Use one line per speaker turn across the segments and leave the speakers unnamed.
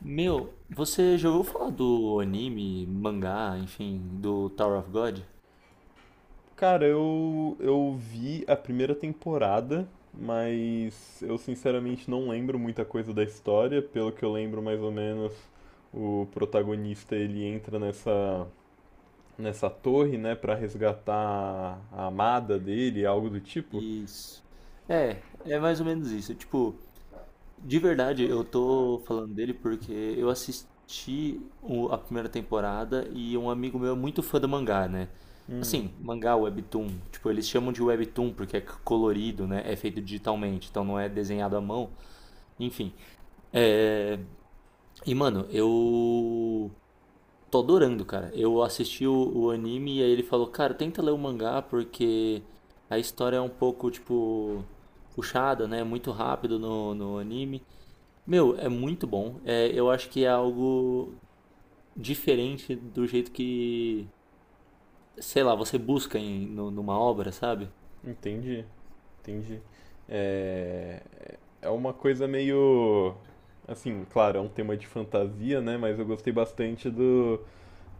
Meu, você já ouviu falar do anime, mangá, enfim, do Tower of God?
Cara, eu vi a primeira temporada, mas eu sinceramente não lembro muita coisa da história. Pelo que eu lembro, mais ou menos, o protagonista ele entra nessa torre, né, pra resgatar a amada dele, algo do tipo.
Isso. É, é mais ou menos isso. Tipo, de verdade, eu tô falando dele porque eu assisti a primeira temporada e um amigo meu é muito fã do mangá, né? Assim, mangá, webtoon. Tipo, eles chamam de webtoon porque é colorido, né? É feito digitalmente, então não é desenhado à mão. Enfim. É... E, mano, eu. Tô adorando, cara. Eu assisti o anime e aí ele falou, cara, tenta ler o mangá porque a história é um pouco, tipo, puxada, né? Muito rápido no anime. Meu, é muito bom. É, eu acho que é algo diferente do jeito que, sei lá, você busca numa obra, sabe?
Entendi, entendi. É, é uma coisa meio. Assim, claro, é um tema de fantasia, né, mas eu gostei bastante do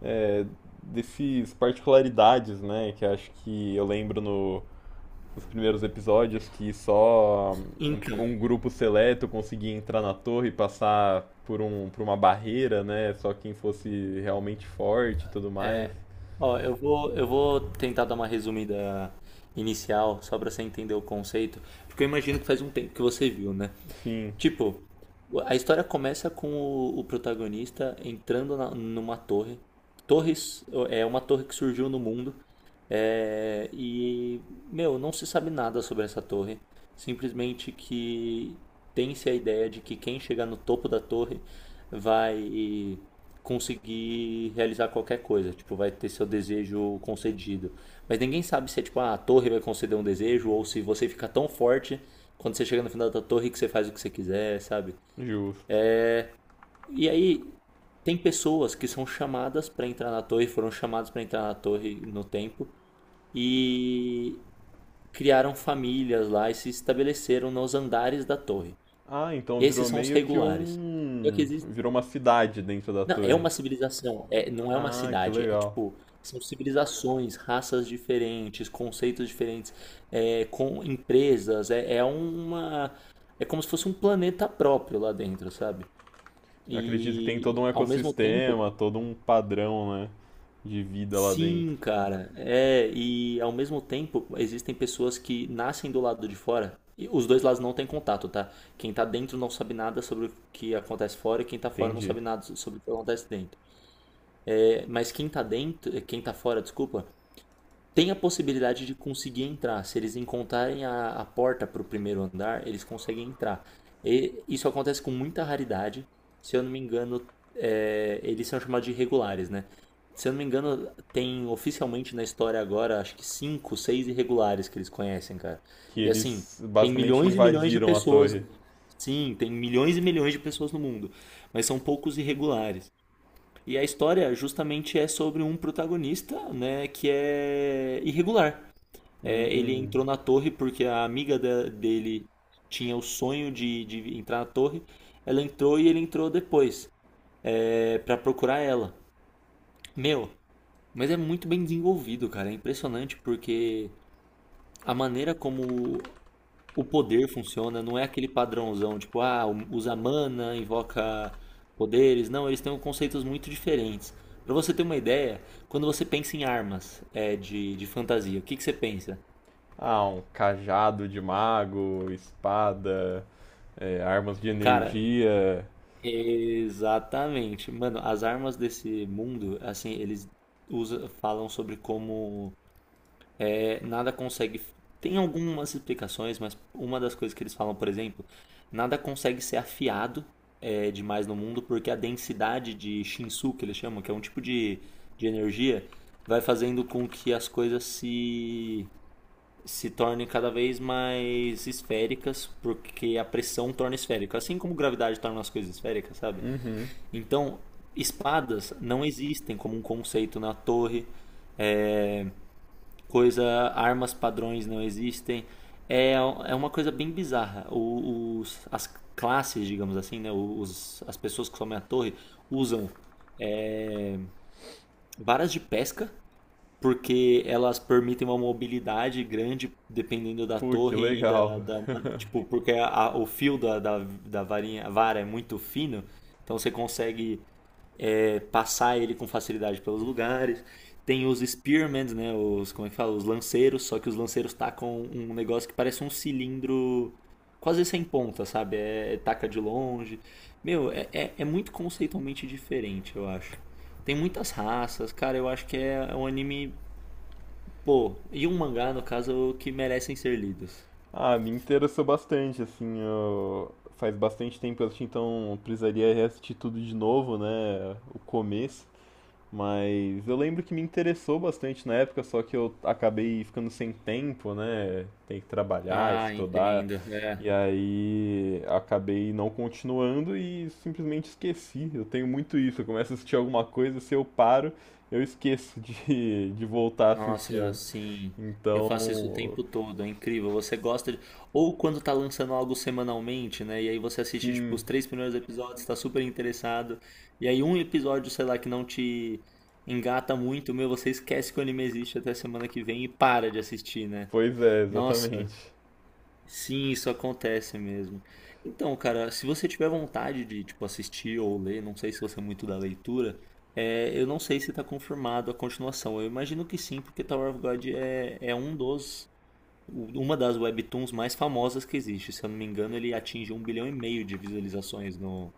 é, desses particularidades, né? Que acho que eu lembro no, nos primeiros episódios que só
Então,
um grupo seleto conseguia entrar na torre e passar por, um, por uma barreira, né? Só quem fosse realmente forte e tudo mais.
ó, eu vou tentar dar uma resumida inicial, só pra você entender o conceito, porque eu imagino que faz um tempo que você viu, né?
Sim,
Tipo, a história começa com o protagonista entrando numa torre. Torres é uma torre que surgiu no mundo. é, e, Meu, não se sabe nada sobre essa torre. Simplesmente que tem-se a ideia de que quem chegar no topo da torre vai conseguir realizar qualquer coisa, tipo, vai ter seu desejo concedido. Mas ninguém sabe se é tipo, ah, a torre vai conceder um desejo ou se você fica tão forte quando você chega no final da torre que você faz o que você quiser, sabe?
justo.
E aí tem pessoas que são chamadas pra entrar na torre, foram chamadas pra entrar na torre no tempo e criaram famílias lá e se estabeleceram nos andares da torre.
Ah, então virou
Esses são os
meio que
regulares. Só
um.
que
Virou uma cidade dentro da
não, é
torre.
uma civilização, é, não é uma
Ah, que
cidade, é
legal.
tipo, são civilizações, raças diferentes, conceitos diferentes, é, com empresas, é, é uma, é como se fosse um planeta próprio lá dentro, sabe?
Eu acredito que tem todo
E
um
ao mesmo tempo,
ecossistema, todo um padrão, né? De vida lá dentro.
sim, cara, e ao mesmo tempo existem pessoas que nascem do lado de fora, e os dois lados não têm contato, tá? Quem tá dentro não sabe nada sobre o que acontece fora e quem tá fora não
Entendi.
sabe nada sobre o que acontece dentro. É, mas quem tá dentro, é, quem tá fora, desculpa, tem a possibilidade de conseguir entrar. Se eles encontrarem a porta para o primeiro andar, eles conseguem entrar. E isso acontece com muita raridade. Se eu não me engano, eles são chamados de irregulares, né? Se eu não me engano, tem oficialmente na história agora, acho que cinco, seis irregulares que eles conhecem, cara.
Que
E assim,
eles
tem
basicamente
milhões e milhões de
invadiram a
pessoas.
torre.
Sim, tem milhões e milhões de pessoas no mundo, mas são poucos irregulares. E a história justamente é sobre um protagonista, né, que é irregular. É, ele
Hum.
entrou na torre porque a amiga dele tinha o sonho de entrar na torre. Ela entrou e ele entrou depois, para procurar ela. Meu, mas é muito bem desenvolvido, cara. É impressionante porque a maneira como o poder funciona, não é aquele padrãozão, tipo, ah, usa mana, invoca poderes. Não, eles têm conceitos muito diferentes. Pra você ter uma ideia, quando você pensa em armas de fantasia, o que, que você pensa?
Ah, um cajado de mago, espada, é, armas de
Cara,
energia.
exatamente. Mano, as armas desse mundo, assim, eles usa, falam sobre como nada consegue. Tem algumas explicações, mas uma das coisas que eles falam, por exemplo, nada consegue ser afiado demais no mundo porque a densidade de Shinsu, que eles chamam, que é um tipo de energia, vai fazendo com que as coisas se tornem cada vez mais esféricas, porque a pressão torna esférica. Assim como gravidade torna as coisas esféricas, sabe?
Uhum.
Então, espadas não existem como um conceito na torre. É, coisa, armas padrões não existem. É uma coisa bem bizarra. As classes, digamos assim, né? As pessoas que somem a torre usam varas de pesca, porque elas permitem uma mobilidade grande dependendo da
Pô, que
torre e
legal.
tipo, porque o fio da varinha, a vara é muito fino, então você consegue passar ele com facilidade pelos lugares. Tem os Spearmen, né? Os, como é que fala? Os lanceiros, só que os lanceiros tacam um negócio que parece um cilindro quase sem ponta, sabe? É taca de longe. Meu, é muito conceitualmente diferente, eu acho. Tem muitas raças, cara, eu acho que é um anime, pô, e um mangá, no caso, que merecem ser lidos.
Ah, me interessou bastante, assim, eu- faz bastante tempo que eu assisti, então eu precisaria assistir tudo de novo, né? O começo. Mas eu lembro que me interessou bastante na época, só que eu acabei ficando sem tempo, né? Tem que trabalhar,
Ah,
estudar,
entendo. É.
e aí acabei não continuando e simplesmente esqueci. Eu tenho muito isso, eu começo a assistir alguma coisa, se eu paro, eu esqueço de, de voltar a assistir,
Nossa,
né?
sim. Eu faço isso o
Então,
tempo todo, é incrível. Você gosta de. Ou quando tá lançando algo semanalmente, né? E aí você assiste, tipo,
sim,
os três primeiros episódios, tá super interessado. E aí um episódio, sei lá, que não te engata muito, meu, você esquece que o anime existe até semana que vem e para de assistir, né?
pois é,
Nossa,
exatamente.
sim, isso acontece mesmo. Então, cara, se você tiver vontade de, tipo, assistir ou ler, não sei se você é muito da leitura, eu não sei se está confirmado a continuação. Eu imagino que sim, porque Tower of God é um dos, uma das webtoons mais famosas que existe. Se eu não me engano, ele atinge 1,5 bilhão de visualizações no,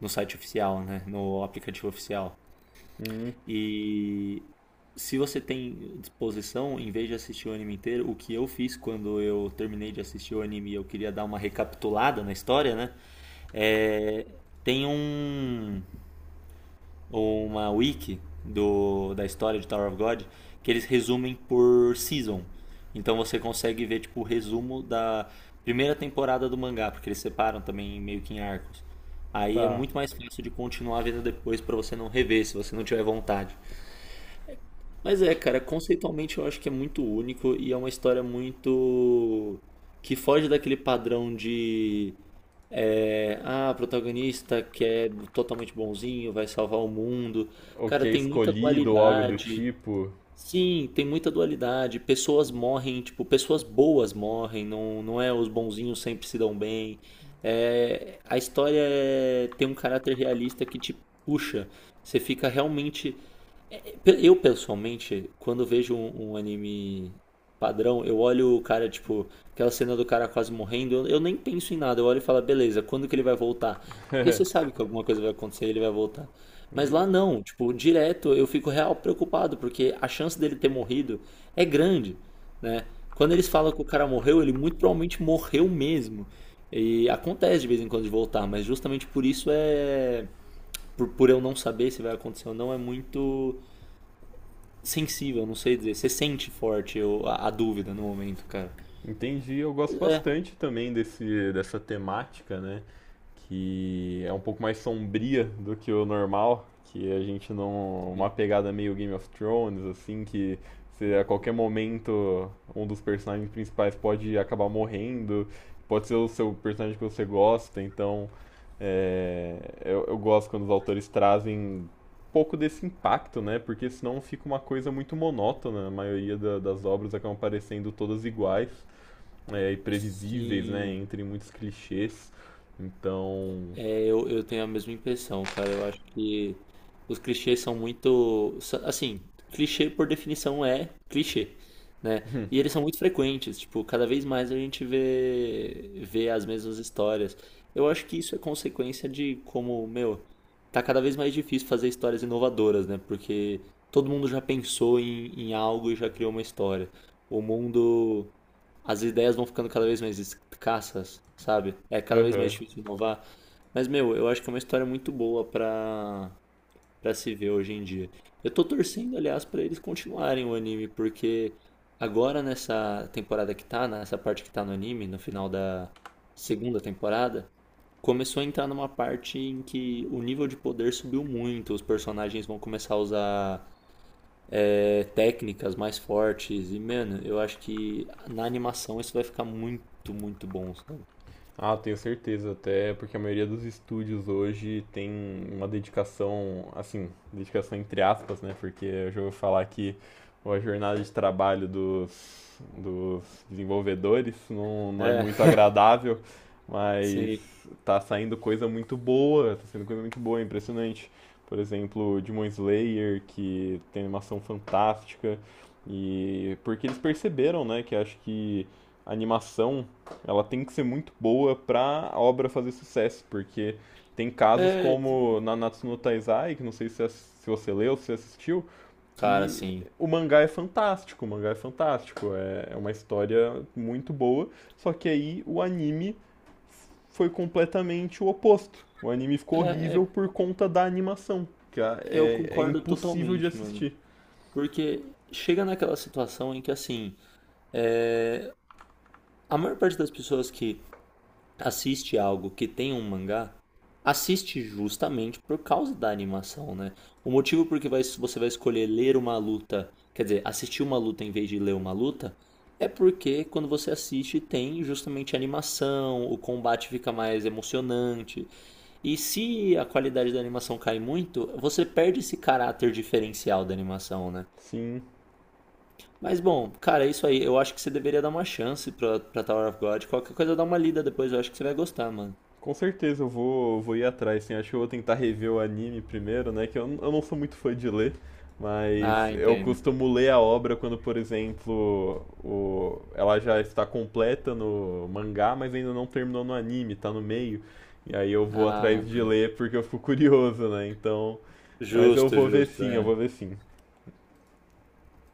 no site oficial, né? No aplicativo oficial.
Hum,
E se você tem disposição, em vez de assistir o anime inteiro, o que eu fiz quando eu terminei de assistir o anime e eu queria dar uma recapitulada na história, né? É, tem um, uma wiki do, da história de Tower of God que eles resumem por season. Então você consegue ver tipo o resumo da primeira temporada do mangá, porque eles separam também meio que em arcos. Aí é
tá.
muito mais fácil de continuar vendo depois pra você não rever, se você não tiver vontade. Mas é, cara, conceitualmente eu acho que é muito único e é uma história muito. Que foge daquele padrão de. O protagonista que é totalmente bonzinho, vai salvar o mundo.
Ok,
Cara, tem muita
escolhido ou algo do
dualidade.
tipo.
Sim, tem muita dualidade. Pessoas morrem, tipo, pessoas boas morrem, não, não é os bonzinhos sempre se dão bem. É, a história tem um caráter realista que te puxa. Você fica realmente. Eu, pessoalmente, quando vejo um anime padrão, eu olho o cara, tipo, aquela cena do cara quase morrendo, eu nem penso em nada, eu olho e falo, "Ah, beleza, quando que ele vai voltar? Porque você sabe que alguma coisa vai acontecer e ele vai voltar. Mas lá não, tipo, direto eu fico real preocupado, porque a chance dele ter morrido é grande, né? Quando eles falam que o cara morreu, ele muito provavelmente morreu mesmo. E acontece de vez em quando de voltar, mas justamente por isso é. Por eu não saber se vai acontecer ou não, é muito sensível, não sei dizer. Você sente forte a dúvida no momento, cara.
Entendi, eu gosto
É.
bastante também dessa temática, né? Que é um pouco mais sombria do que o normal, que a gente não. Uma pegada meio Game of Thrones, assim, que se a qualquer momento um dos personagens principais pode acabar morrendo, pode ser o seu personagem que você gosta, então é, eu gosto quando os autores trazem um pouco desse impacto, né? Porque senão fica uma coisa muito monótona, a maioria da- das obras acabam parecendo todas iguais e previsíveis, né?
Sim.
Entre muitos clichês. Então.
Eu tenho a mesma impressão, cara. Eu acho que os clichês são muito. Assim, clichê por definição é clichê, né? E eles são muito frequentes, tipo, cada vez mais a gente vê as mesmas histórias. Eu acho que isso é consequência de como, meu, tá cada vez mais difícil fazer histórias inovadoras, né? Porque todo mundo já pensou em algo e já criou uma história. O mundo as ideias vão ficando cada vez mais escassas, sabe? É cada vez mais
Aham.
difícil inovar. Mas, meu, eu acho que é uma história muito boa pra se ver hoje em dia. Eu tô torcendo, aliás, pra eles continuarem o anime, porque agora nessa temporada que tá, nessa parte que tá no anime, no final da segunda temporada, começou a entrar numa parte em que o nível de poder subiu muito, os personagens vão começar a usar técnicas mais fortes. E, mano, eu acho que na animação isso vai ficar muito, muito bom, sabe?
Ah, tenho certeza, até porque a maioria dos estúdios hoje tem uma dedicação, assim, dedicação entre aspas, né? Porque eu já ouvi falar que a jornada de trabalho dos desenvolvedores não é
É,
muito agradável, mas
sim.
tá saindo coisa muito boa, tá saindo coisa muito boa, é impressionante. Por exemplo, Demon Slayer, que tem animação fantástica, e porque eles perceberam, né, que acho que a animação ela tem que ser muito boa pra a obra fazer sucesso, porque tem casos
É,
como Nanatsu no Taizai, que não sei se, se você leu, se assistiu,
cara,
que
assim.
o mangá é fantástico, o mangá é fantástico, é uma história muito boa, só que aí o anime foi completamente o oposto. O anime
É,
ficou horrível
é,
por conta da animação, que
eu
é
concordo
impossível de
totalmente, mano.
assistir.
Porque chega naquela situação em que, assim, a maior parte das pessoas que assiste algo que tem um mangá, assiste justamente por causa da animação, né? O motivo por que você vai escolher ler uma luta, quer dizer, assistir uma luta em vez de ler uma luta, é porque quando você assiste tem justamente animação, o combate fica mais emocionante. E se a qualidade da animação cai muito, você perde esse caráter diferencial da animação, né?
Sim,
Mas bom, cara, é isso aí. Eu acho que você deveria dar uma chance pra Tower of God. Qualquer coisa, dá uma lida depois. Eu acho que você vai gostar, mano.
com certeza eu vou, vou ir atrás, sim. Acho que eu vou tentar rever o anime primeiro, né? Que eu, n- eu não sou muito fã de ler,
Ah,
mas eu
entendo.
costumo ler a obra quando, por exemplo, o, ela já está completa no mangá, mas ainda não terminou no anime, tá no meio. E aí eu vou
Ah,
atrás de ler porque eu fico curioso, né? Então, mas eu
justo,
vou ver
justo.
sim, eu
É.
vou ver sim.